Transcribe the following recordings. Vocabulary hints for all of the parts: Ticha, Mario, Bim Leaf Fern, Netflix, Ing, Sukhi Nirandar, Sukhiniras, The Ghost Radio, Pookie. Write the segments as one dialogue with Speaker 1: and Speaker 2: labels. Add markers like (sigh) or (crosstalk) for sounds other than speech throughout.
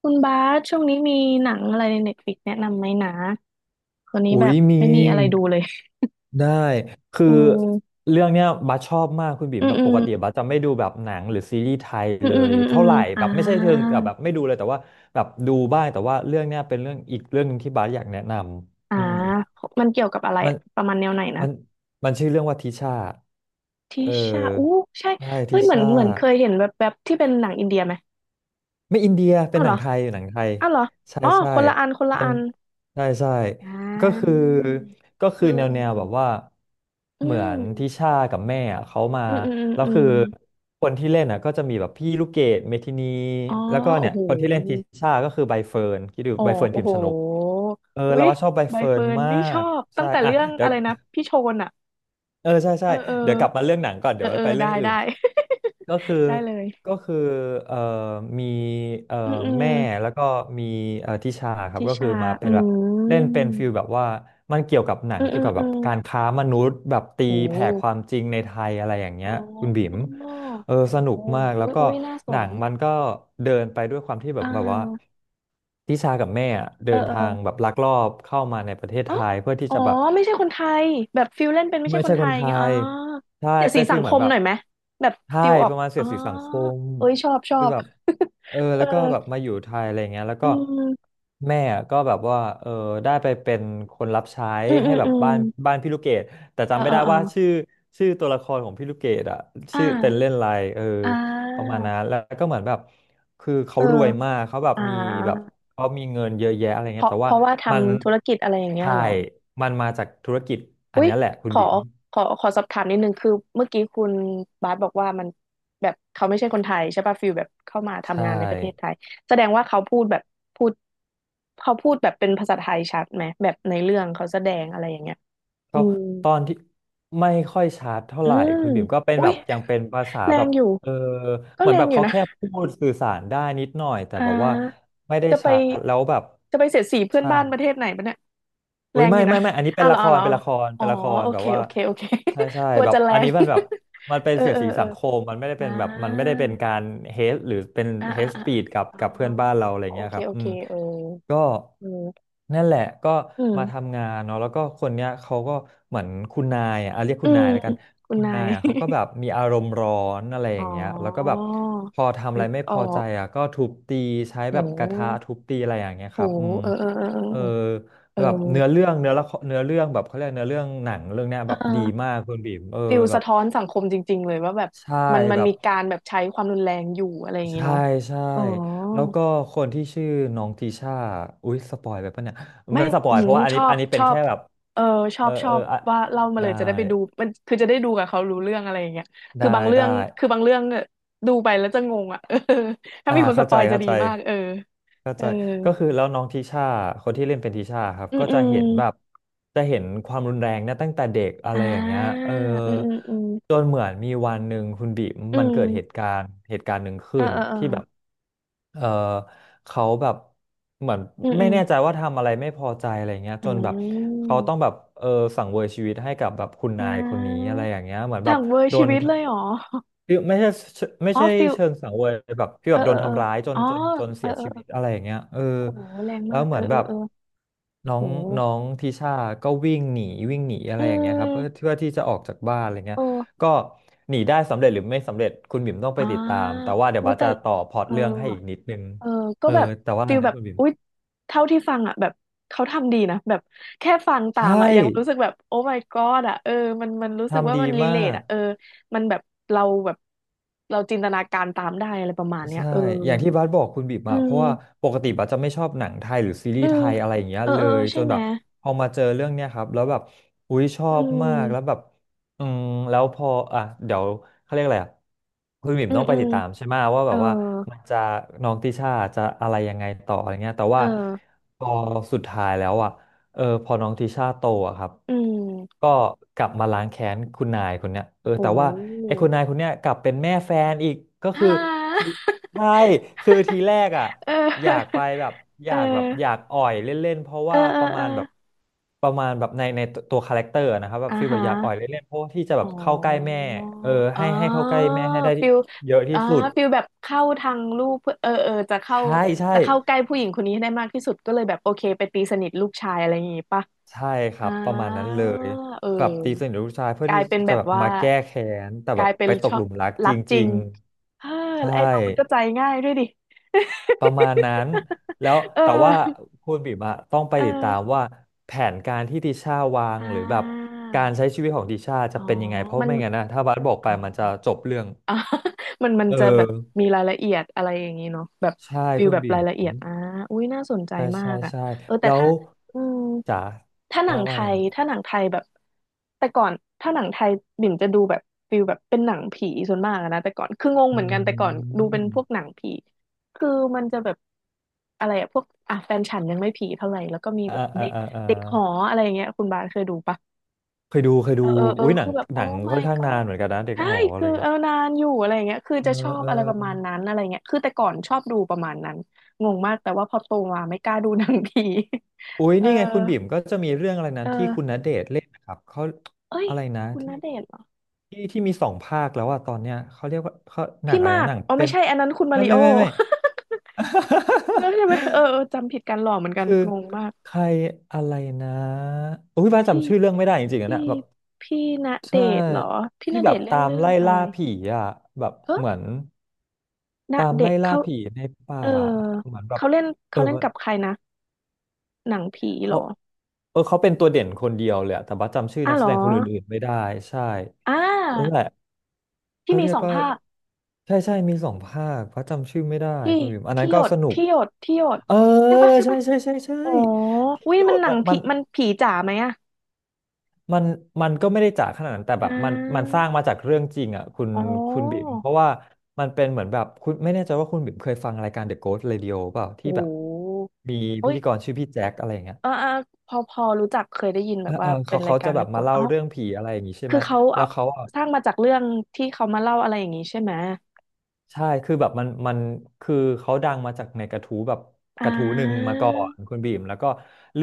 Speaker 1: คุณบาสช่วงนี้มีหนังอะไรในเน็ตฟลิกแนะนำไหมนะตอนนี้
Speaker 2: อุ๊
Speaker 1: แบ
Speaker 2: ย
Speaker 1: บ
Speaker 2: มี
Speaker 1: ไม่มีอะไรดูเลย
Speaker 2: ได้คือ
Speaker 1: อืม
Speaker 2: เรื่องเนี้ยบัสชอบมากคุณบิ่
Speaker 1: อื
Speaker 2: ม
Speaker 1: ม
Speaker 2: แบบ
Speaker 1: อื
Speaker 2: ป
Speaker 1: ม
Speaker 2: กติบัสจะไม่ดูแบบหนังหรือซีรีส์ไทย
Speaker 1: อืม
Speaker 2: เล
Speaker 1: อืม
Speaker 2: ย
Speaker 1: อืมอื
Speaker 2: เท่า
Speaker 1: ม
Speaker 2: ไหร่
Speaker 1: อ่
Speaker 2: แบบไม่ใช่เทิง
Speaker 1: า
Speaker 2: กับแบบไม่ดูเลยแต่ว่าแบบดูบ้างแต่ว่าเรื่องเนี้ยเป็นเรื่องอีกเรื่องหนึงที่บัสอยากแนะนำ
Speaker 1: อ่า
Speaker 2: อืม
Speaker 1: มันเกี่ยวกับอะไร
Speaker 2: มัน
Speaker 1: อะประมาณแนวไหน
Speaker 2: มัน
Speaker 1: นะ
Speaker 2: มันชื่อเรื่องว่าทิชา
Speaker 1: ทิ
Speaker 2: เออ
Speaker 1: ชาอู้ใช่
Speaker 2: ใช่
Speaker 1: เฮ้
Speaker 2: ทิ
Speaker 1: ยเหมือน
Speaker 2: ชา
Speaker 1: เหมือนเคยเห็นแบบแบบที่เป็นหนังอินเดียไหม
Speaker 2: ไม่อินเดียเป็น
Speaker 1: อ้าว
Speaker 2: ห
Speaker 1: เห
Speaker 2: นั
Speaker 1: ร
Speaker 2: ง
Speaker 1: อ
Speaker 2: ไทยหนังไทย
Speaker 1: อ้าวเหรอ
Speaker 2: ใช่
Speaker 1: อ๋อ
Speaker 2: ใช่
Speaker 1: คนละอันคนละ
Speaker 2: เป็น
Speaker 1: อัน
Speaker 2: ใช่ใช่
Speaker 1: อ่
Speaker 2: ก็คื
Speaker 1: า
Speaker 2: อก็
Speaker 1: เอ
Speaker 2: คือ
Speaker 1: อ
Speaker 2: แนว
Speaker 1: เ
Speaker 2: แนว
Speaker 1: อ
Speaker 2: แบ
Speaker 1: อ
Speaker 2: บว่า
Speaker 1: เอ
Speaker 2: เหมือนทิ
Speaker 1: อ
Speaker 2: ชากับแม่อะเขามา
Speaker 1: อืมอืมอืม
Speaker 2: แล้ว
Speaker 1: อืม
Speaker 2: คือ
Speaker 1: อม
Speaker 2: คนที่เล่นอ่ะก็จะมีแบบพี่ลูกเกดเมทินี
Speaker 1: อ๋อ
Speaker 2: แล้วก็
Speaker 1: โอ้
Speaker 2: เนี่ย
Speaker 1: โห
Speaker 2: คนที่เล่นทิชาก็คือใบเฟิร์นคิดดู
Speaker 1: อ๋อ
Speaker 2: ใบเฟิร์น
Speaker 1: โอ้
Speaker 2: พิม
Speaker 1: โห
Speaker 2: พ์ชนกเออ
Speaker 1: อุ๊
Speaker 2: เรา
Speaker 1: ย
Speaker 2: ว่าชอบใบ
Speaker 1: ใบ
Speaker 2: เฟิร์
Speaker 1: เฟิ
Speaker 2: น
Speaker 1: ร์น
Speaker 2: มา
Speaker 1: นี่ชอ
Speaker 2: ก
Speaker 1: บ
Speaker 2: ใช่
Speaker 1: ตั้งแต่
Speaker 2: อ่ะ
Speaker 1: เรื่อง
Speaker 2: เดี๋ย
Speaker 1: อะ
Speaker 2: ว
Speaker 1: ไรนะพี่โชนอ่ะ
Speaker 2: เออใช่
Speaker 1: เอ
Speaker 2: ใช่
Speaker 1: อเออ
Speaker 2: เดี๋ยวกลับมาเรื่องหนังก่อน
Speaker 1: เอ
Speaker 2: เดี๋ย
Speaker 1: อ
Speaker 2: วมั
Speaker 1: เอ
Speaker 2: น
Speaker 1: อ
Speaker 2: ไปเรื่
Speaker 1: ได้
Speaker 2: องอื่
Speaker 1: ได้
Speaker 2: น ก็คือ
Speaker 1: (laughs) ได้เล
Speaker 2: ก็
Speaker 1: ย
Speaker 2: คือเอ่อมีเอ่อ
Speaker 1: อืมอืม
Speaker 2: แม่แล้วก็มีทิชาครับ
Speaker 1: ทิ
Speaker 2: ก็คือ
Speaker 1: ชา
Speaker 2: มาเป็น
Speaker 1: อื
Speaker 2: แบบเล่น
Speaker 1: ม
Speaker 2: เป็นฟิลแบบว่ามันเกี่ยวกับหนั
Speaker 1: อื
Speaker 2: ง
Speaker 1: ม
Speaker 2: เกี่
Speaker 1: อื
Speaker 2: ยว
Speaker 1: ม
Speaker 2: กับแบ
Speaker 1: อื
Speaker 2: บ
Speaker 1: ม
Speaker 2: การค้ามนุษย์แบบตี
Speaker 1: โอ้
Speaker 2: แผ่ความจริงในไทยอะไรอย่างเงี้
Speaker 1: อ๋
Speaker 2: ยคุณบิ๋
Speaker 1: อ
Speaker 2: มเออ
Speaker 1: โอ้
Speaker 2: สนุกมากแล้
Speaker 1: อุ้
Speaker 2: ว
Speaker 1: ย
Speaker 2: ก็
Speaker 1: อุ๊ยน่าส
Speaker 2: หนั
Speaker 1: น
Speaker 2: งมันก็เดินไปด้วยความที่แบ
Speaker 1: อ่
Speaker 2: บแบบว่า
Speaker 1: า
Speaker 2: ทิชากับแม่อะ
Speaker 1: เอ
Speaker 2: เดิ
Speaker 1: อ
Speaker 2: น
Speaker 1: เออ
Speaker 2: ทางแบบลักลอบเข้ามาในประเทศ
Speaker 1: อ๋อ
Speaker 2: ไทยเพื่อที่
Speaker 1: อ๋อ
Speaker 2: จะแบบ
Speaker 1: ไม่ใช่คนไทยแบบฟิลเล่นเป็นไม่ใช่
Speaker 2: ไม่
Speaker 1: ค
Speaker 2: ใช่
Speaker 1: นไท
Speaker 2: คน
Speaker 1: ย
Speaker 2: ไท
Speaker 1: ไงอ๋อ
Speaker 2: ยใช่
Speaker 1: เสียดสี
Speaker 2: เป็นฟี
Speaker 1: สัง
Speaker 2: ล
Speaker 1: ค
Speaker 2: เหมือน
Speaker 1: ม
Speaker 2: แบ
Speaker 1: ห
Speaker 2: บ
Speaker 1: น่อยไหมแบบ
Speaker 2: ใช่
Speaker 1: ฟิลออ
Speaker 2: ป
Speaker 1: ก
Speaker 2: ระมาณเสี
Speaker 1: อ๋อ
Speaker 2: ยดสีสังคม
Speaker 1: เอ้ยชอบชอ
Speaker 2: คือ
Speaker 1: บ
Speaker 2: แบบเออ
Speaker 1: (laughs) เออ
Speaker 2: แล้วก็แบบมาอยู่ไทยอะไรเงี้ยแล้ว
Speaker 1: อื
Speaker 2: ก็
Speaker 1: ม
Speaker 2: แม่ก็แบบว่าเออได้ไปเป็นคนรับใช้
Speaker 1: อืมอื
Speaker 2: ให้
Speaker 1: ม
Speaker 2: แบ
Speaker 1: อื
Speaker 2: บ
Speaker 1: ม
Speaker 2: บ้านบ้านพี่ลูกเกดแต่
Speaker 1: เอ
Speaker 2: จำ
Speaker 1: อ
Speaker 2: ไม่
Speaker 1: เอ
Speaker 2: ได้
Speaker 1: อเออ
Speaker 2: ว่าชื่อชื่อตัวละครของพี่ลูกเกดอะชื่อเป็น
Speaker 1: อ่า
Speaker 2: เล่นอะไรเออ
Speaker 1: อ่
Speaker 2: ประมา
Speaker 1: า
Speaker 2: ณนั้นแล้วก็เหมือนแบบคือ
Speaker 1: เอ
Speaker 2: เขา
Speaker 1: อ
Speaker 2: รวยมากเขาแบบ
Speaker 1: อ่
Speaker 2: มีแบบ
Speaker 1: า
Speaker 2: เขามีเงินเยอะแยะอะไร
Speaker 1: เพ
Speaker 2: เงี้ย
Speaker 1: ราะ
Speaker 2: แต่
Speaker 1: เพ
Speaker 2: ว่า
Speaker 1: ราะว่า
Speaker 2: มัน
Speaker 1: ทำธุรกิจอะไรอย่างเงี้ย
Speaker 2: ใช่
Speaker 1: เหรอ
Speaker 2: มันมาจากธุรกิจอั
Speaker 1: อุ๊
Speaker 2: น
Speaker 1: ย
Speaker 2: เนี้ยแหละคุ
Speaker 1: ข
Speaker 2: ณ
Speaker 1: อ
Speaker 2: บิ๋ม
Speaker 1: ขอขอสอบถามนิดนึงคือเมื่อกี้คุณบาสบอกว่ามันแบบเขาไม่ใช่คนไทยใช่ป่ะฟิลแบบเข้ามา
Speaker 2: ใช่
Speaker 1: ทำงานในประเทศไทยแสดงว่าเขาพูดแบบพูดเขาพูดแบบเป็นภาษาไทยชัดไหมแบบในเรื่องเขาแสดงอะไรอย่างเงี้ยอื
Speaker 2: ก็
Speaker 1: ม
Speaker 2: ตอนที่ไม่ค่อยชัดเท่า
Speaker 1: อื
Speaker 2: ไหร่
Speaker 1: ม
Speaker 2: คุณบิ่มก็เป็น
Speaker 1: อุ๊
Speaker 2: แบ
Speaker 1: ย
Speaker 2: บยังเป็นภาษา
Speaker 1: แร
Speaker 2: แบ
Speaker 1: ง
Speaker 2: บ
Speaker 1: อยู่
Speaker 2: เออ
Speaker 1: ก็
Speaker 2: เหมือ
Speaker 1: แร
Speaker 2: นแบ
Speaker 1: ง
Speaker 2: บ
Speaker 1: อยู่
Speaker 2: เขา
Speaker 1: นะ
Speaker 2: แค่พูดสื่อสารได้นิดหน่อยแต่
Speaker 1: อ่า
Speaker 2: แบบว่าไม่ได้
Speaker 1: จะไป
Speaker 2: ชัดแล้วแบบ
Speaker 1: จะไปเสียดสีเพื่อน
Speaker 2: ใช่
Speaker 1: บ้านประเทศไหนปะเนี่ย
Speaker 2: โอ้
Speaker 1: แร
Speaker 2: ย
Speaker 1: งอ
Speaker 2: ไม่
Speaker 1: ยู่นะ
Speaker 2: ไม่ไม่อันนี้
Speaker 1: (laughs)
Speaker 2: เป็
Speaker 1: เอา
Speaker 2: น
Speaker 1: วเหร
Speaker 2: ละ
Speaker 1: ออ
Speaker 2: ค
Speaker 1: อาวเห
Speaker 2: ร
Speaker 1: รออ
Speaker 2: เป็
Speaker 1: อาว
Speaker 2: น
Speaker 1: เหรอ
Speaker 2: ละคร
Speaker 1: อ๋อ
Speaker 2: เป็นละคร
Speaker 1: โอ
Speaker 2: แบ
Speaker 1: เค
Speaker 2: บว่า
Speaker 1: โอเคโอเค
Speaker 2: ใช่ใช่
Speaker 1: (laughs) กลัว
Speaker 2: แบบ
Speaker 1: จะแร
Speaker 2: อัน
Speaker 1: ง
Speaker 2: นี้มันแบบมันเป็
Speaker 1: (laughs)
Speaker 2: น
Speaker 1: เออ
Speaker 2: เสียด
Speaker 1: เออ
Speaker 2: สี
Speaker 1: เออ
Speaker 2: สังคมมันไม่ได้
Speaker 1: อ่
Speaker 2: เป็นแบบมันไม่ได้
Speaker 1: า
Speaker 2: เป็นการเฮทหรือเป็น
Speaker 1: อ่า
Speaker 2: เฮ
Speaker 1: อ่า
Speaker 2: ทส
Speaker 1: อา
Speaker 2: ปีดกับ
Speaker 1: อ๋อ
Speaker 2: กับเพื่อนบ้านเราอะไร
Speaker 1: โอ
Speaker 2: เงี้ย
Speaker 1: เค
Speaker 2: ครับ
Speaker 1: โอ
Speaker 2: อื
Speaker 1: เค
Speaker 2: ม
Speaker 1: เออ
Speaker 2: ก็
Speaker 1: เอืม
Speaker 2: นั่นแหละก็
Speaker 1: อื
Speaker 2: มา
Speaker 1: ม
Speaker 2: ทำงานเนาะแล้วก็คนเนี้ยเขาก็เหมือนคุณนายอะอ่ะเรียก
Speaker 1: อื
Speaker 2: คุณนา
Speaker 1: ม
Speaker 2: ยแล้วกัน
Speaker 1: คุณ
Speaker 2: คุณ
Speaker 1: นา
Speaker 2: นา
Speaker 1: ย
Speaker 2: ยอ่ะเขาก็
Speaker 1: (laughs)
Speaker 2: แบบมีอารมณ์ร้อนอะไรอ
Speaker 1: อ๋
Speaker 2: ย่าง
Speaker 1: อ
Speaker 2: เงี้ยแล้วก็แบบพอทำอะ
Speaker 1: นึ
Speaker 2: ไร
Speaker 1: ก
Speaker 2: ไม่พ
Speaker 1: ออ
Speaker 2: อใจ
Speaker 1: ก
Speaker 2: อ่ะก็ทุบตีใช้
Speaker 1: โ
Speaker 2: แบบกระทะ
Speaker 1: ห
Speaker 2: ทุบตีอะไรอย่างเงี้ย
Speaker 1: โห
Speaker 2: ครับอืม
Speaker 1: เออเออเออเอ
Speaker 2: เออ
Speaker 1: อเอ
Speaker 2: แล้
Speaker 1: อ
Speaker 2: วแบบเนื้อเรื่องเนื้อละครเนื้อเรื่องแบบเขาเรียกเนื้อเรื่องหนังเรื่องเนี้ย
Speaker 1: เ
Speaker 2: แบบดี
Speaker 1: ออ
Speaker 2: มากคุณบีมเออ
Speaker 1: ฟิล
Speaker 2: แบ
Speaker 1: สะ
Speaker 2: บ
Speaker 1: ท้อนสังคมจริงๆเลยว่าแบบ
Speaker 2: ใช่
Speaker 1: มันมัน
Speaker 2: แบบ
Speaker 1: มีการแบบใช้ความรุนแรงอยู่อะไรอย่างงี้
Speaker 2: ใช่
Speaker 1: เนาะ
Speaker 2: ใช่
Speaker 1: อ๋อ
Speaker 2: แล้วก็คนที่ชื่อน้องทีช่าอุ๊ยสปอยไปปะเนี่ย
Speaker 1: ไม่
Speaker 2: ไม่สปอ
Speaker 1: อื
Speaker 2: ยเพ
Speaker 1: ม
Speaker 2: ราะว่าอัน
Speaker 1: ช
Speaker 2: นี้
Speaker 1: อบ
Speaker 2: อันนี้
Speaker 1: ช
Speaker 2: เป็น
Speaker 1: อบ
Speaker 2: แค่แบบ
Speaker 1: เออชอ
Speaker 2: เออ
Speaker 1: บชอ
Speaker 2: เออ
Speaker 1: บ
Speaker 2: อะ
Speaker 1: ว่าเล่ามาเล
Speaker 2: ได้
Speaker 1: ยจะได้ไปดูมันคือจะได้ดูกับเขารู้เรื่องอะไรอย่างเงี้ยคือ
Speaker 2: ได้
Speaker 1: บางเรื่อง
Speaker 2: ได้
Speaker 1: คือบางเรื่องเออดูไปแล้วจะงงอ่ะ (laughs) เออถ้า
Speaker 2: อ่า
Speaker 1: มีคนส
Speaker 2: เข้า
Speaker 1: ป
Speaker 2: ใจ
Speaker 1: อยจะ
Speaker 2: เข้า
Speaker 1: ดี
Speaker 2: ใจ
Speaker 1: มากเออ
Speaker 2: เข้า
Speaker 1: เอ
Speaker 2: ใจ
Speaker 1: อ
Speaker 2: ก็คือแล้วน้องทิชาคนที่เล่นเป็นทิชาครับ
Speaker 1: อืม
Speaker 2: ก็
Speaker 1: อื
Speaker 2: จะ
Speaker 1: ม
Speaker 2: เห็นแบบจะเห็นความรุนแรงเนะตั้งแต่เด็กอะ
Speaker 1: อ่
Speaker 2: ไรอย่างเงี้ย
Speaker 1: า
Speaker 2: เออ
Speaker 1: อืมอืมอืม
Speaker 2: จนเหมือนมีวันหนึ่งคุณบิม
Speaker 1: อื
Speaker 2: มันเกิดเห
Speaker 1: ม
Speaker 2: ตุการณ์เหตุการณ์หนึ่ง
Speaker 1: เอ
Speaker 2: ขึ้
Speaker 1: อ
Speaker 2: น
Speaker 1: เออเออ
Speaker 2: ที่แบบ เออเขาแบบเหมือน
Speaker 1: อืมอื
Speaker 2: ไม่
Speaker 1: ม
Speaker 2: แน่ใจว่าทำอะไรไม่พอใจอะไรเงี้ย
Speaker 1: อื
Speaker 2: จนแบบเขาต้อง
Speaker 1: ม
Speaker 2: แบบเออสังเวยชีวิตให้กับแบบคุณ
Speaker 1: อ่
Speaker 2: นายคนนี้
Speaker 1: า
Speaker 2: อะไรอย่างเงี้ยเหมือนแบ
Speaker 1: สั่
Speaker 2: บ
Speaker 1: งเวอร์
Speaker 2: โด
Speaker 1: ชี
Speaker 2: น
Speaker 1: วิตเลยเหรอ
Speaker 2: คือไม่ใช่ไม่
Speaker 1: อ๋อ
Speaker 2: ใช่
Speaker 1: ฟิล
Speaker 2: เชิงสังเวยแบบพี่
Speaker 1: เอ
Speaker 2: แบ
Speaker 1: อ
Speaker 2: บโด
Speaker 1: เออ
Speaker 2: น
Speaker 1: เออ
Speaker 2: ทำร้ายจน
Speaker 1: อ๋อ
Speaker 2: จน
Speaker 1: เอ
Speaker 2: เสี
Speaker 1: อ
Speaker 2: ย
Speaker 1: เออ
Speaker 2: ชี
Speaker 1: เออ
Speaker 2: วิตอะไรอย่างเงี้ยเออ
Speaker 1: โอ้โหแรง
Speaker 2: แล้
Speaker 1: มา
Speaker 2: ว
Speaker 1: ก
Speaker 2: เห
Speaker 1: เอ
Speaker 2: มือ
Speaker 1: อ
Speaker 2: น
Speaker 1: เอ
Speaker 2: แบ
Speaker 1: อ
Speaker 2: บ
Speaker 1: เออ
Speaker 2: น้อง
Speaker 1: โอ้โห
Speaker 2: น้องทิชาก็วิ่งหนีวิ่งหนีอะ
Speaker 1: อื
Speaker 2: ไรอย่างเงี้ยครับ
Speaker 1: ม
Speaker 2: เพื่อที่จะออกจากบ้านอะไร
Speaker 1: เอ
Speaker 2: เงี้ย
Speaker 1: อ
Speaker 2: ก็หนีได้สำเร็จหรือไม่สำเร็จคุณบิ่มต้องไป
Speaker 1: อ่า
Speaker 2: ติดตามแต่ว่าเดี๋ยว
Speaker 1: อุ้ย
Speaker 2: บาส
Speaker 1: แต่
Speaker 2: จะต่อพล็อต
Speaker 1: เออ
Speaker 2: เรื่องให้อี
Speaker 1: ว่ะ
Speaker 2: กนิดนึง
Speaker 1: เออก็
Speaker 2: เออ
Speaker 1: แบบ
Speaker 2: แต่ว่าอะ
Speaker 1: ฟิ
Speaker 2: ไร
Speaker 1: ล
Speaker 2: นะ
Speaker 1: แบบ
Speaker 2: คุณบิ่ม
Speaker 1: อุ้ยเท่าที่ฟังอ่ะแบบเขาทำดีนะแบบแค่ฟังตา
Speaker 2: ใช่
Speaker 1: มอ่ะยังรู้สึกแบบโอ้ my god อ่ะเออมันมันรู้สึกว่า
Speaker 2: ทำดี
Speaker 1: มันรีเล
Speaker 2: มา
Speaker 1: ท
Speaker 2: ก
Speaker 1: อ่ะเออมันแบบเราแบบเราจินตนาการตามได้อะไรประมาณเนี้ย
Speaker 2: ใช่
Speaker 1: เออ
Speaker 2: อย่างที่บัสบอกคุณบีบม
Speaker 1: อื
Speaker 2: อะเพราะว่า
Speaker 1: ม
Speaker 2: ปกติบัสจะไม่ชอบหนังไทยหรือซีรี
Speaker 1: อื
Speaker 2: ส์ไท
Speaker 1: ม
Speaker 2: ยอะไรอย่างเงี้ย
Speaker 1: เออ
Speaker 2: เล
Speaker 1: เออเออ
Speaker 2: ย
Speaker 1: ใช่
Speaker 2: จน
Speaker 1: ไหม
Speaker 2: แบบพอมาเจอเรื่องเนี้ยครับแล้วแบบอุ๊ยชอ
Speaker 1: อื
Speaker 2: บมากแล้ว
Speaker 1: ม
Speaker 2: แบบอืมแล้วพออ่ะเดี๋ยวเขาเรียกอะไรอะคุณบีม
Speaker 1: อืม
Speaker 2: ต้องไป
Speaker 1: อืม
Speaker 2: ติดตามใช่ไหมว่า
Speaker 1: เอ
Speaker 2: แบ
Speaker 1: อ
Speaker 2: บว่ามันจะน้องติช่าจะอะไรยังไงต่ออะไรเงี้ยแต่
Speaker 1: เออ
Speaker 2: ว่าพอสุดท้ายแล้วอะ เออพอน้องทิชาโตอะครับ
Speaker 1: อืม
Speaker 2: ก็กลับมาล้างแค้นคุณนายคนเนี้ยเออแต่
Speaker 1: โอ้
Speaker 2: ว่าไอ้คุณนายคนเนี้ยกลับเป็นแม่แฟนอีกก็คื
Speaker 1: ฮ่
Speaker 2: อที
Speaker 1: า
Speaker 2: ใช่คือทีแรกอะ
Speaker 1: เอ
Speaker 2: อยากไป
Speaker 1: อ
Speaker 2: แบบอ
Speaker 1: เออ
Speaker 2: ยากแบบอยากอ่อยเล่นๆเพราะ
Speaker 1: เออ
Speaker 2: ว่า
Speaker 1: เอ
Speaker 2: ป
Speaker 1: อ
Speaker 2: ระ
Speaker 1: เอ
Speaker 2: มา
Speaker 1: อ
Speaker 2: ณแบบประมาณแบบในตัวคาแรคเตอร์นะครับแบบ
Speaker 1: อ่า
Speaker 2: ฟีลแบ
Speaker 1: ฮะ
Speaker 2: บอยากอ่อยเล่นๆเพราะว่าที่จะแบ
Speaker 1: อ๋อ
Speaker 2: บเข้าใกล้แม่เออ
Speaker 1: อ๋
Speaker 2: ให้
Speaker 1: อ
Speaker 2: ให้เข้าใกล้แม่ให้ได้
Speaker 1: ฟิล
Speaker 2: เยอะที่
Speaker 1: อ่า
Speaker 2: สุด
Speaker 1: ฟิลแบบเข้าทางลูกเพื่อเออเออจะเข้า
Speaker 2: ใช่ใช่
Speaker 1: จะเข้าใกล้ผู้หญิงคนนี้ให้ได้มากที่สุดก็เลยแบบโอเคไปตีสนิทลูกชายอะไรอย่างงี้ป่ะ
Speaker 2: ใช่ครั
Speaker 1: อ่า
Speaker 2: บประมาณนั้นเลย
Speaker 1: เอ
Speaker 2: แบบตีสนิ
Speaker 1: อ
Speaker 2: ทกับลูกชายเพื่อ
Speaker 1: กลา
Speaker 2: ที่
Speaker 1: ยเป็นแบ
Speaker 2: จะ
Speaker 1: บ
Speaker 2: แบบ
Speaker 1: ว่า
Speaker 2: มาแก้แค้นแต่
Speaker 1: ก
Speaker 2: แบ
Speaker 1: ลา
Speaker 2: บ
Speaker 1: ยเป็
Speaker 2: ไป
Speaker 1: น
Speaker 2: ต
Speaker 1: ช
Speaker 2: ก
Speaker 1: อ
Speaker 2: ห
Speaker 1: บ
Speaker 2: ลุมรักจ
Speaker 1: รักจริ
Speaker 2: ริ
Speaker 1: ง
Speaker 2: ง
Speaker 1: เออ
Speaker 2: ๆ
Speaker 1: แล้
Speaker 2: ใช่
Speaker 1: วไอเรามันก็ใจง่ายด้วยดิ
Speaker 2: ประมาณนั้นแล้ว
Speaker 1: (laughs) เอ
Speaker 2: แต่ว่า
Speaker 1: อ
Speaker 2: คุณบิ๋มอะต้องไป
Speaker 1: เอ
Speaker 2: ติดตาม
Speaker 1: อ
Speaker 2: ว่าแผนการที่ติช่าวาง
Speaker 1: อ่
Speaker 2: หรือแบบ
Speaker 1: า
Speaker 2: การใช้ชีวิตของติช่าจะ
Speaker 1: อ๋อ
Speaker 2: เป็นยังไงเพราะ
Speaker 1: มัน
Speaker 2: ไม่งั้นนะถ้าบัสบอก
Speaker 1: อ๋
Speaker 2: ไป
Speaker 1: อ
Speaker 2: มันจะจบเรื่อง
Speaker 1: อ่ะ (laughs) มัน
Speaker 2: เอ
Speaker 1: จะแบบ
Speaker 2: อ
Speaker 1: มีรายละเอียดอะไรอย่างนี้เนาะแบบ
Speaker 2: ใช่
Speaker 1: ฟิล
Speaker 2: คุณ
Speaker 1: แบบ
Speaker 2: บิ๋
Speaker 1: รา
Speaker 2: ม
Speaker 1: ยละเอียดอ่าอุ้ยน่าสนใจ
Speaker 2: ใช่
Speaker 1: มา
Speaker 2: ใช่
Speaker 1: กอ่ะ
Speaker 2: ใช่
Speaker 1: เออแต่
Speaker 2: แล้ว
Speaker 1: ถ้าอืม
Speaker 2: จ๋า
Speaker 1: ถ้าหนั
Speaker 2: ว่า
Speaker 1: งไท
Speaker 2: ว่าอะไร
Speaker 1: ย
Speaker 2: นะ
Speaker 1: ถ้าหนังไทยแบบแต่ก่อนถ้าหนังไทยบิ่มจะดูแบบฟิลแบบเป็นหนังผีส่วนมากอะนะแต่ก่อนคืองง
Speaker 2: อ
Speaker 1: เหมือนกันแต่ก่อ
Speaker 2: ื
Speaker 1: นดูเป็น
Speaker 2: ม
Speaker 1: พวกหนังผีคือมันจะแบบอะไรอะพวกอ่ะแฟนฉันยังไม่ผีเท่าไหร่แล้วก็มี
Speaker 2: อ่า
Speaker 1: แบบ
Speaker 2: อ่า
Speaker 1: เด็ก
Speaker 2: อ่าอ่า
Speaker 1: เด็กหออะไรอย่างเงี้ยคุณบาสเคยดูปะ
Speaker 2: เคยดูเคย
Speaker 1: เอ
Speaker 2: ดู
Speaker 1: อเออเออ
Speaker 2: อุ้ยหนั
Speaker 1: คือ
Speaker 2: ง
Speaker 1: แบบ
Speaker 2: ห
Speaker 1: โอ้
Speaker 2: นังค่อน
Speaker 1: my
Speaker 2: ข้างนา
Speaker 1: god
Speaker 2: นเหมือนกันนะเด็ก
Speaker 1: ใช่
Speaker 2: หออะไร
Speaker 1: คือเอ
Speaker 2: เงี้ย
Speaker 1: อนานอยู่อะไรอย่างเงี้ยคือ
Speaker 2: เอ
Speaker 1: จะชอ
Speaker 2: อ
Speaker 1: บ
Speaker 2: เออ
Speaker 1: อะไรประมาณนั้นอะไรเงี้ยคือแต่ก่อนชอบดูประมาณนั้นงงมากแต่ว่าพอโตมาไม่กล้าดูหนังผี
Speaker 2: อุ้
Speaker 1: (laughs)
Speaker 2: ย
Speaker 1: เออ
Speaker 2: นี่ไงคุณบิ่มก็จะมีเรื่องอะไรนั้
Speaker 1: เอ
Speaker 2: นที่คุณ
Speaker 1: อ
Speaker 2: ณเดชน์เล่นนะครับเขา
Speaker 1: เอ้ย
Speaker 2: อะไรนะ
Speaker 1: คุณณ
Speaker 2: ที่
Speaker 1: เดชน์เหรอ
Speaker 2: ที่ที่มีสองภาคแล้วอะตอนเนี้ยเขาเรียกว่าเขาหนั
Speaker 1: พี่
Speaker 2: งอะไร
Speaker 1: มา
Speaker 2: นะ
Speaker 1: ก
Speaker 2: หนัง
Speaker 1: อ๋อ
Speaker 2: เป็
Speaker 1: ไม่
Speaker 2: น
Speaker 1: ใช่อันนั้นคุณมา
Speaker 2: ไม่
Speaker 1: ริโอ
Speaker 2: ไม่ไม่ไม่
Speaker 1: (laughs) แล้วใช่ไหมเออเออ
Speaker 2: (laughs)
Speaker 1: จำผิดกันหล่อเหมือนกัน
Speaker 2: คือ
Speaker 1: งงมาก
Speaker 2: ใครอะไรนะอุ้ยบ้า
Speaker 1: พี่
Speaker 2: จำชื่อเรื่องไม่ได้จริงๆอะ
Speaker 1: พี่
Speaker 2: นะแบบ
Speaker 1: พี่ณเด
Speaker 2: ใช่
Speaker 1: ชน์เหรอพี่ณ
Speaker 2: ที่แบ
Speaker 1: เด
Speaker 2: บ
Speaker 1: ชน์เล่
Speaker 2: ตา
Speaker 1: น
Speaker 2: ม
Speaker 1: เรื่อง
Speaker 2: ไล่
Speaker 1: อะ
Speaker 2: ล่า
Speaker 1: ไร
Speaker 2: ผีอ่ะแบบ
Speaker 1: เฮ้อ
Speaker 2: เหมือน
Speaker 1: ณ
Speaker 2: ตาม
Speaker 1: เด
Speaker 2: ไล่
Speaker 1: ชน์
Speaker 2: ล่า
Speaker 1: เขา
Speaker 2: ผีในป่า
Speaker 1: เออ
Speaker 2: เหมือนแบบ
Speaker 1: เขาเล่น
Speaker 2: เอ
Speaker 1: เขา
Speaker 2: อ
Speaker 1: เล่นกับใครนะ หนังผีเหร
Speaker 2: เขา
Speaker 1: อ
Speaker 2: เออเขาเป็นตัวเด่นคนเดียวเลยอะแต่ว่าจำชื่อ
Speaker 1: อ้า
Speaker 2: นัก
Speaker 1: เหร
Speaker 2: แส
Speaker 1: อ
Speaker 2: ดงคนอื่นๆไม่ได้ใช่
Speaker 1: อ่
Speaker 2: แล้วแห
Speaker 1: า
Speaker 2: ละ
Speaker 1: ที่
Speaker 2: เขา
Speaker 1: มี
Speaker 2: เรีย
Speaker 1: ส
Speaker 2: ก
Speaker 1: อง
Speaker 2: ว่า
Speaker 1: ภาค
Speaker 2: ใช่ใช่มีสองภาคเพราะจำชื่อไม่ได้
Speaker 1: ที่
Speaker 2: คุณบิมอัน
Speaker 1: ที่
Speaker 2: นั้น
Speaker 1: หย
Speaker 2: ก็
Speaker 1: ด
Speaker 2: สนุก
Speaker 1: ที่หยดที่หยด
Speaker 2: เออ
Speaker 1: ใช่ปะใช่
Speaker 2: ใช่
Speaker 1: ปะ
Speaker 2: ใช่ใช่ใช่
Speaker 1: อ๋อ
Speaker 2: ที่
Speaker 1: อุ้ย
Speaker 2: หย
Speaker 1: มัน
Speaker 2: ด
Speaker 1: หนังผีมันผีจ๋าไหมอะ
Speaker 2: มันมันก็ไม่ได้จ๋าขนาดนั้นแต่แบ
Speaker 1: อ่
Speaker 2: บมัน
Speaker 1: า
Speaker 2: สร้างมาจากเรื่องจริงอ่ะคุณ
Speaker 1: อ๋อ
Speaker 2: คุณบิ่มเพราะว่ามันเป็นเหมือนแบบคุณไม่แน่ใจว่าคุณบิ่มเคยฟังรายการ The Ghost Radio เปล่าที่
Speaker 1: โอ้โ
Speaker 2: แบบ
Speaker 1: ห
Speaker 2: มี
Speaker 1: โอ้
Speaker 2: พิ
Speaker 1: ย
Speaker 2: ธีกรชื่อพี่แจ็คอะไรอย่างเงี้ย
Speaker 1: เออเออพอพอรู้จักเคยได้ยินแบ
Speaker 2: เออ
Speaker 1: บ
Speaker 2: เอ
Speaker 1: ว่า
Speaker 2: อ
Speaker 1: เป็
Speaker 2: เขา
Speaker 1: นรา
Speaker 2: เขา
Speaker 1: ยกา
Speaker 2: จะ
Speaker 1: ร
Speaker 2: แบ
Speaker 1: เด
Speaker 2: บ
Speaker 1: อะก
Speaker 2: มา
Speaker 1: ด
Speaker 2: เล่า
Speaker 1: อ๋อ
Speaker 2: เรื่องผีอะไรอย่างงี้ใช่
Speaker 1: คื
Speaker 2: ไห
Speaker 1: อ
Speaker 2: ม
Speaker 1: เขา
Speaker 2: แล้
Speaker 1: เอา
Speaker 2: วเขาอะ
Speaker 1: สร้างมาจากเรื่องที่เขามาเล่าอะไรอย่างนี้ใช่ไหม
Speaker 2: ใช่คือแบบมันคือเขาดังมาจากในกระทู้แบบ
Speaker 1: อ่
Speaker 2: กระทู้หนึ่ง
Speaker 1: า
Speaker 2: มาก่อนคุณบีมแล้วก็เร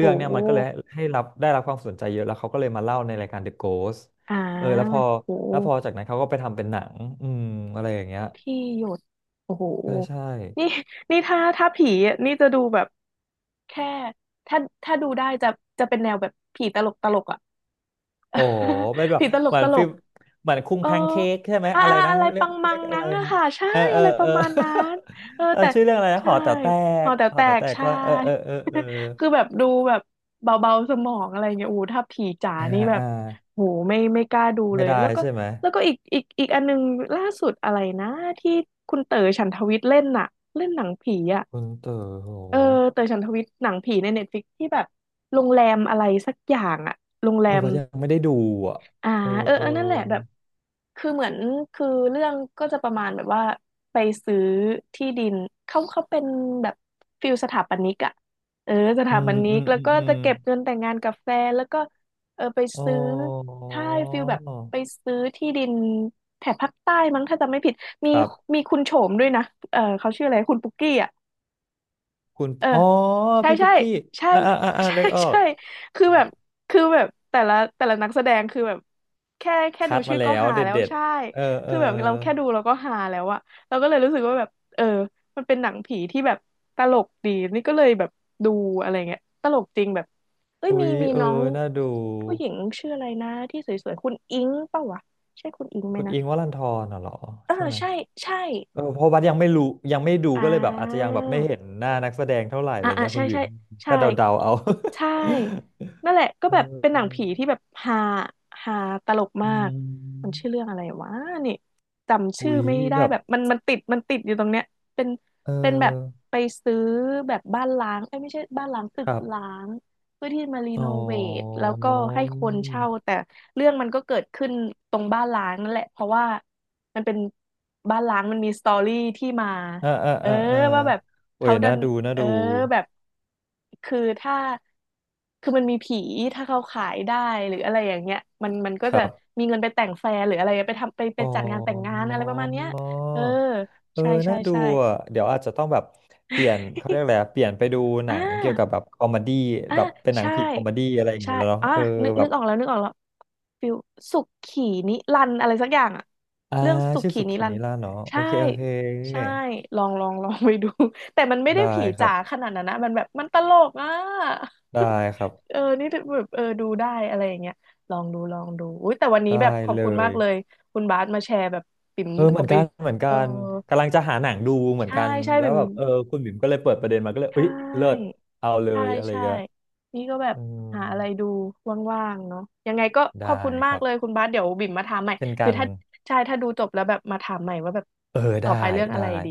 Speaker 1: โ
Speaker 2: ื่องเนี่ยมันก็เลย
Speaker 1: ห
Speaker 2: ให้รับได้รับความสนใจเยอะแล้วเขาก็เลยมาเล่าในรายการ The Ghost
Speaker 1: อ่า
Speaker 2: เออแล้วพอ
Speaker 1: โห
Speaker 2: แล้วพอจากนั้นเขาก็ไปทำเป็นหนังอืมอะไรอย่างเงี้ย
Speaker 1: ที่หยดโอ้โห
Speaker 2: ใช่ใช่
Speaker 1: นี่นี่ถ้าถ้าผีอะนี่จะดูแบบแค่ ถ้าถ้าดูได้จะจะเป็นแนวแบบผีตลกตลกอ่ะ
Speaker 2: อ๋อเป็น
Speaker 1: (laughs)
Speaker 2: แบบ
Speaker 1: ผีตล
Speaker 2: เห
Speaker 1: ก
Speaker 2: มือ
Speaker 1: ต
Speaker 2: น
Speaker 1: ล
Speaker 2: ฟิ
Speaker 1: ก
Speaker 2: ลเหมือนคุ้ง
Speaker 1: เออ
Speaker 2: แพนเค้กใช่ไหมอะไร
Speaker 1: อะ
Speaker 2: นะ
Speaker 1: อะไร
Speaker 2: เรี
Speaker 1: ปั
Speaker 2: ยก
Speaker 1: งมั
Speaker 2: เรี
Speaker 1: ง
Speaker 2: ยกอะ
Speaker 1: งั้
Speaker 2: ไร
Speaker 1: งอะ
Speaker 2: นะ
Speaker 1: ค่ะใช่
Speaker 2: เออเออ
Speaker 1: อะไรป
Speaker 2: เอ
Speaker 1: ระ
Speaker 2: อ
Speaker 1: มาณนั้นเออ
Speaker 2: (laughs) เออ
Speaker 1: แต่
Speaker 2: ชื่อเรื่องอะไรนะห
Speaker 1: ใช่
Speaker 2: อแต๋วแต
Speaker 1: หอ
Speaker 2: ก
Speaker 1: แต๋ว
Speaker 2: หอ
Speaker 1: แต
Speaker 2: แต๋ว
Speaker 1: ก
Speaker 2: แตก
Speaker 1: ใช่
Speaker 2: ก็เออเออเออเออ
Speaker 1: (laughs) คือแบบดูแบบเบาๆสมองอะไรเงี้ยโอ้โหถ้าผีจ๋า
Speaker 2: อ่า
Speaker 1: นี่แบบ
Speaker 2: อ่า
Speaker 1: โหไม่กล้าดูเล
Speaker 2: ไม่
Speaker 1: ย
Speaker 2: ได้
Speaker 1: แล้วก็
Speaker 2: ใช่ไหม
Speaker 1: แล้วก็อีกอีกอันนึงล่าสุดอะไรนะที่คุณเต๋อฉันทวิทย์เล่นน่ะเล่นหนังผีอะ
Speaker 2: คุณเต๋อเหรอ
Speaker 1: เออเต๋อฉันทวิทย์หนังผีในเน็ตฟลิกที่แบบโรงแรมอะไรสักอย่างอะโรงแร
Speaker 2: เออ
Speaker 1: ม
Speaker 2: ว่ายังไม่ได้ดูอ่ะ
Speaker 1: อ่า
Speaker 2: เออ
Speaker 1: เออ
Speaker 2: เออ
Speaker 1: เออนั่นแหละแบบคือเหมือนคือเรื่องก็จะประมาณแบบว่าไปซื้อที่ดินเขาเป็นแบบฟิลสถาปนิกอะเออส
Speaker 2: อื
Speaker 1: ถาป
Speaker 2: ม
Speaker 1: นิ
Speaker 2: อื
Speaker 1: ก
Speaker 2: ม
Speaker 1: แล้ว
Speaker 2: อืม
Speaker 1: ก็
Speaker 2: อื
Speaker 1: จะ
Speaker 2: ม
Speaker 1: เก็บเงินแต่งงานกับแฟนแล้วก็เออไป
Speaker 2: อ๋
Speaker 1: ซื้อ
Speaker 2: อ
Speaker 1: ถ้าฟิลแบบไปซื้อที่ดินแถบภาคใต้มั้งถ้าจำไม่ผิด
Speaker 2: ค
Speaker 1: มี
Speaker 2: รับ
Speaker 1: มีคุณโฉมด้วยนะเออเขาชื่ออะไรคุณปุกกี้อะ
Speaker 2: คุณ
Speaker 1: เออ
Speaker 2: อ๋อ
Speaker 1: ใช่
Speaker 2: พี่ปุ
Speaker 1: ใช่
Speaker 2: กกี้
Speaker 1: ใช่
Speaker 2: อ่าอ่าอ่าอ่า
Speaker 1: (laughs) ใช่
Speaker 2: นึกออก
Speaker 1: ใช่คือแบบคือแบบแต่ละนักแสดงคือแบบแค่
Speaker 2: คั
Speaker 1: ดู
Speaker 2: ดมา
Speaker 1: ชื่อ
Speaker 2: แล้
Speaker 1: ก็
Speaker 2: ว
Speaker 1: หา
Speaker 2: เด็ด
Speaker 1: แล้ว
Speaker 2: เด็ด
Speaker 1: ใช่
Speaker 2: เออเอ
Speaker 1: คื
Speaker 2: อ
Speaker 1: อแบบเราแค่ดูเราก็หาแล้วอะเราก็เลยรู้สึกว่าแบบเออมันเป็นหนังผีที่แบบตลกดีนี่ก็เลยแบบดูอะไรเงี้ยตลกจริงแบบเอ้ย
Speaker 2: อุ๊
Speaker 1: มี
Speaker 2: ย
Speaker 1: มี
Speaker 2: เออ
Speaker 1: น้อง
Speaker 2: น่าดู
Speaker 1: ผู้หญิงชื่ออะไรนะที่สวยๆคุณอิงเปล่าวะใช่คุณอิงไหม
Speaker 2: คุณ
Speaker 1: นะ
Speaker 2: อิงค์วรันธรน่ะเหรอ
Speaker 1: เออ
Speaker 2: ใช่ไหม
Speaker 1: ใช่ใช่
Speaker 2: เออเพราะบัสยังไม่รู้ยังไม่ดู
Speaker 1: อ่
Speaker 2: ก็เลยแบบอาจจะยัง
Speaker 1: า
Speaker 2: แบบไม่เห็นหน้านักแสดงเท่าไหร่อะ
Speaker 1: อ่า
Speaker 2: ไร
Speaker 1: อ่า
Speaker 2: เงี้ยคุ
Speaker 1: ใช่
Speaker 2: ณบิ๋
Speaker 1: ใช่
Speaker 2: ม
Speaker 1: ใช่
Speaker 2: ก็เดาๆเอา
Speaker 1: ใช่
Speaker 2: (laughs)
Speaker 1: นั่นแหละก็
Speaker 2: เ
Speaker 1: แบบเป็นหนัง
Speaker 2: ออ
Speaker 1: ผีที่แบบฮาฮาตลก
Speaker 2: อื
Speaker 1: มากมันชื่อเรื่
Speaker 2: ม
Speaker 1: องอะไรวะนี่จำ
Speaker 2: หุ
Speaker 1: ชื่อ
Speaker 2: ย
Speaker 1: ไม่ได้
Speaker 2: แบบ
Speaker 1: แบบมันติดมันติดอยู่ตรงเนี้ยเป็น
Speaker 2: เอ
Speaker 1: เป็นแบบ
Speaker 2: อ
Speaker 1: ไปซื้อแบบบ้านล้างเอ้ยไม่ใช่บ้านล้างตึ
Speaker 2: ค
Speaker 1: ก
Speaker 2: รั
Speaker 1: ล้า
Speaker 2: บ
Speaker 1: งเพื่อที่มารี
Speaker 2: อ๋
Speaker 1: โน
Speaker 2: อ
Speaker 1: เวทแล้วก็ให้คนเช่าแต่เรื่องมันก็เกิดขึ้นตรงบ้านล้างนั่นแหละเพราะว่ามันเป็นบ้านล้างมันมีสตอรี่ที่มา
Speaker 2: อ่าอ่า
Speaker 1: เออ
Speaker 2: อ่าอ่า
Speaker 1: ว่าแบบ
Speaker 2: โอ้
Speaker 1: เขา
Speaker 2: ย
Speaker 1: ดั
Speaker 2: น่า
Speaker 1: น
Speaker 2: ดูน่า
Speaker 1: เออ
Speaker 2: ดู
Speaker 1: แบบคือถ้าคือมันมีผีถ้าเขาขายได้หรืออะไรอย่างเงี้ยมันก็
Speaker 2: ค
Speaker 1: จะ
Speaker 2: รับ
Speaker 1: มีเงินไปแต่งแฟร์หรืออะไรไปทำไปไป
Speaker 2: อ๋อ
Speaker 1: จัดงานแต่งงานอะไรประมาณเนี้ยเออ
Speaker 2: เออ
Speaker 1: ใช่ใช่
Speaker 2: น่าดู
Speaker 1: ใช่
Speaker 2: อ่ะเดี๋ยวอาจจะต้องแบบเปลี่ยนเขาเรียกอะไร
Speaker 1: (laughs)
Speaker 2: อะเปลี่ยนไปดูหนั
Speaker 1: อ่า
Speaker 2: งเกี่ยวกับแบบคอมเมดี้
Speaker 1: อ่ะ
Speaker 2: แบบเป็นหนัง
Speaker 1: ใช่
Speaker 2: ผีคอมเมดี้อะไรอย่าง
Speaker 1: ใช่
Speaker 2: เงี้ยแล้วเนาะ
Speaker 1: อ่ะ
Speaker 2: เออ
Speaker 1: นึก
Speaker 2: แบ
Speaker 1: นึ
Speaker 2: บ
Speaker 1: กออกแล้วนึกออกแล้วฟิวสุขีนิรันดร์อะไรสักอย่างอะ
Speaker 2: อ่า
Speaker 1: เรื่องสุ
Speaker 2: ชื่อ
Speaker 1: ขี
Speaker 2: สุ
Speaker 1: นิ
Speaker 2: ขี
Speaker 1: รัน
Speaker 2: นิ
Speaker 1: ดร์
Speaker 2: ราศเนาะโอ
Speaker 1: ใช่
Speaker 2: เคโอเค
Speaker 1: ใช่ลองลอง (laughs) ลองไปดู (laughs) แต่มันไม่ได้
Speaker 2: ได้
Speaker 1: ผี
Speaker 2: ครั
Speaker 1: จ๋า
Speaker 2: บ
Speaker 1: ขนาดนั้นนะมันแบบมันตลกอ่ะ
Speaker 2: ได้ครั
Speaker 1: (laughs) เออ
Speaker 2: บ
Speaker 1: นี่แบบเออดูได้อะไรอย่างเงี้ยลองดูลองดูอุ้ยแต่วันนี้แบบ
Speaker 2: ได้
Speaker 1: ขอบ
Speaker 2: เล
Speaker 1: คุณมา
Speaker 2: ย
Speaker 1: กเลยคุณบาสมาแชร์แบบปิ่ม
Speaker 2: เออเห
Speaker 1: เอา
Speaker 2: มือน
Speaker 1: ไป
Speaker 2: กันเหมือน
Speaker 1: เอ
Speaker 2: กั
Speaker 1: อ
Speaker 2: นกำลังจะหาหนังดูเหมือน
Speaker 1: ใช่
Speaker 2: กัน
Speaker 1: ใช่
Speaker 2: แล้ว
Speaker 1: ปิ่ม
Speaker 2: แบบเออคุณบิ่มก็เลยเปิดประเด็นมาก็เลย
Speaker 1: ใช่
Speaker 2: เอ้ยเลิศเอาเล
Speaker 1: ใช่
Speaker 2: ยอะไร
Speaker 1: ใช่
Speaker 2: เงี้ย
Speaker 1: นี่ก็แบบ
Speaker 2: อืม
Speaker 1: หาอะไรดูว่างๆเนาะยังไงก็ขอบ
Speaker 2: ได้
Speaker 1: คุณ
Speaker 2: ค
Speaker 1: มาก
Speaker 2: รับ
Speaker 1: เลยคุณบาสเดี๋ยวบิ่มมาถามใหม่
Speaker 2: เช่นกั
Speaker 1: คือ
Speaker 2: น
Speaker 1: ถ้าใช่ถ้าดูจบแล้วแบบมาถามใหม่ว่าแบบ
Speaker 2: เออ
Speaker 1: ต่อ
Speaker 2: ได้
Speaker 1: ไปเรื่องอะ
Speaker 2: ได้
Speaker 1: ไรดี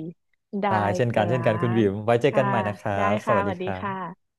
Speaker 1: ได้
Speaker 2: ได้เช่น
Speaker 1: ค
Speaker 2: กัน
Speaker 1: รั
Speaker 2: เช่นกันคุณ
Speaker 1: บ
Speaker 2: บิ่มไว้เจอกั
Speaker 1: ค่ะ
Speaker 2: นใหม่นะครั
Speaker 1: ได้
Speaker 2: บส
Speaker 1: ค่ะ
Speaker 2: วัส
Speaker 1: ส
Speaker 2: ดี
Speaker 1: วัส
Speaker 2: ค
Speaker 1: ดี
Speaker 2: รั
Speaker 1: ค
Speaker 2: บ
Speaker 1: ่ะ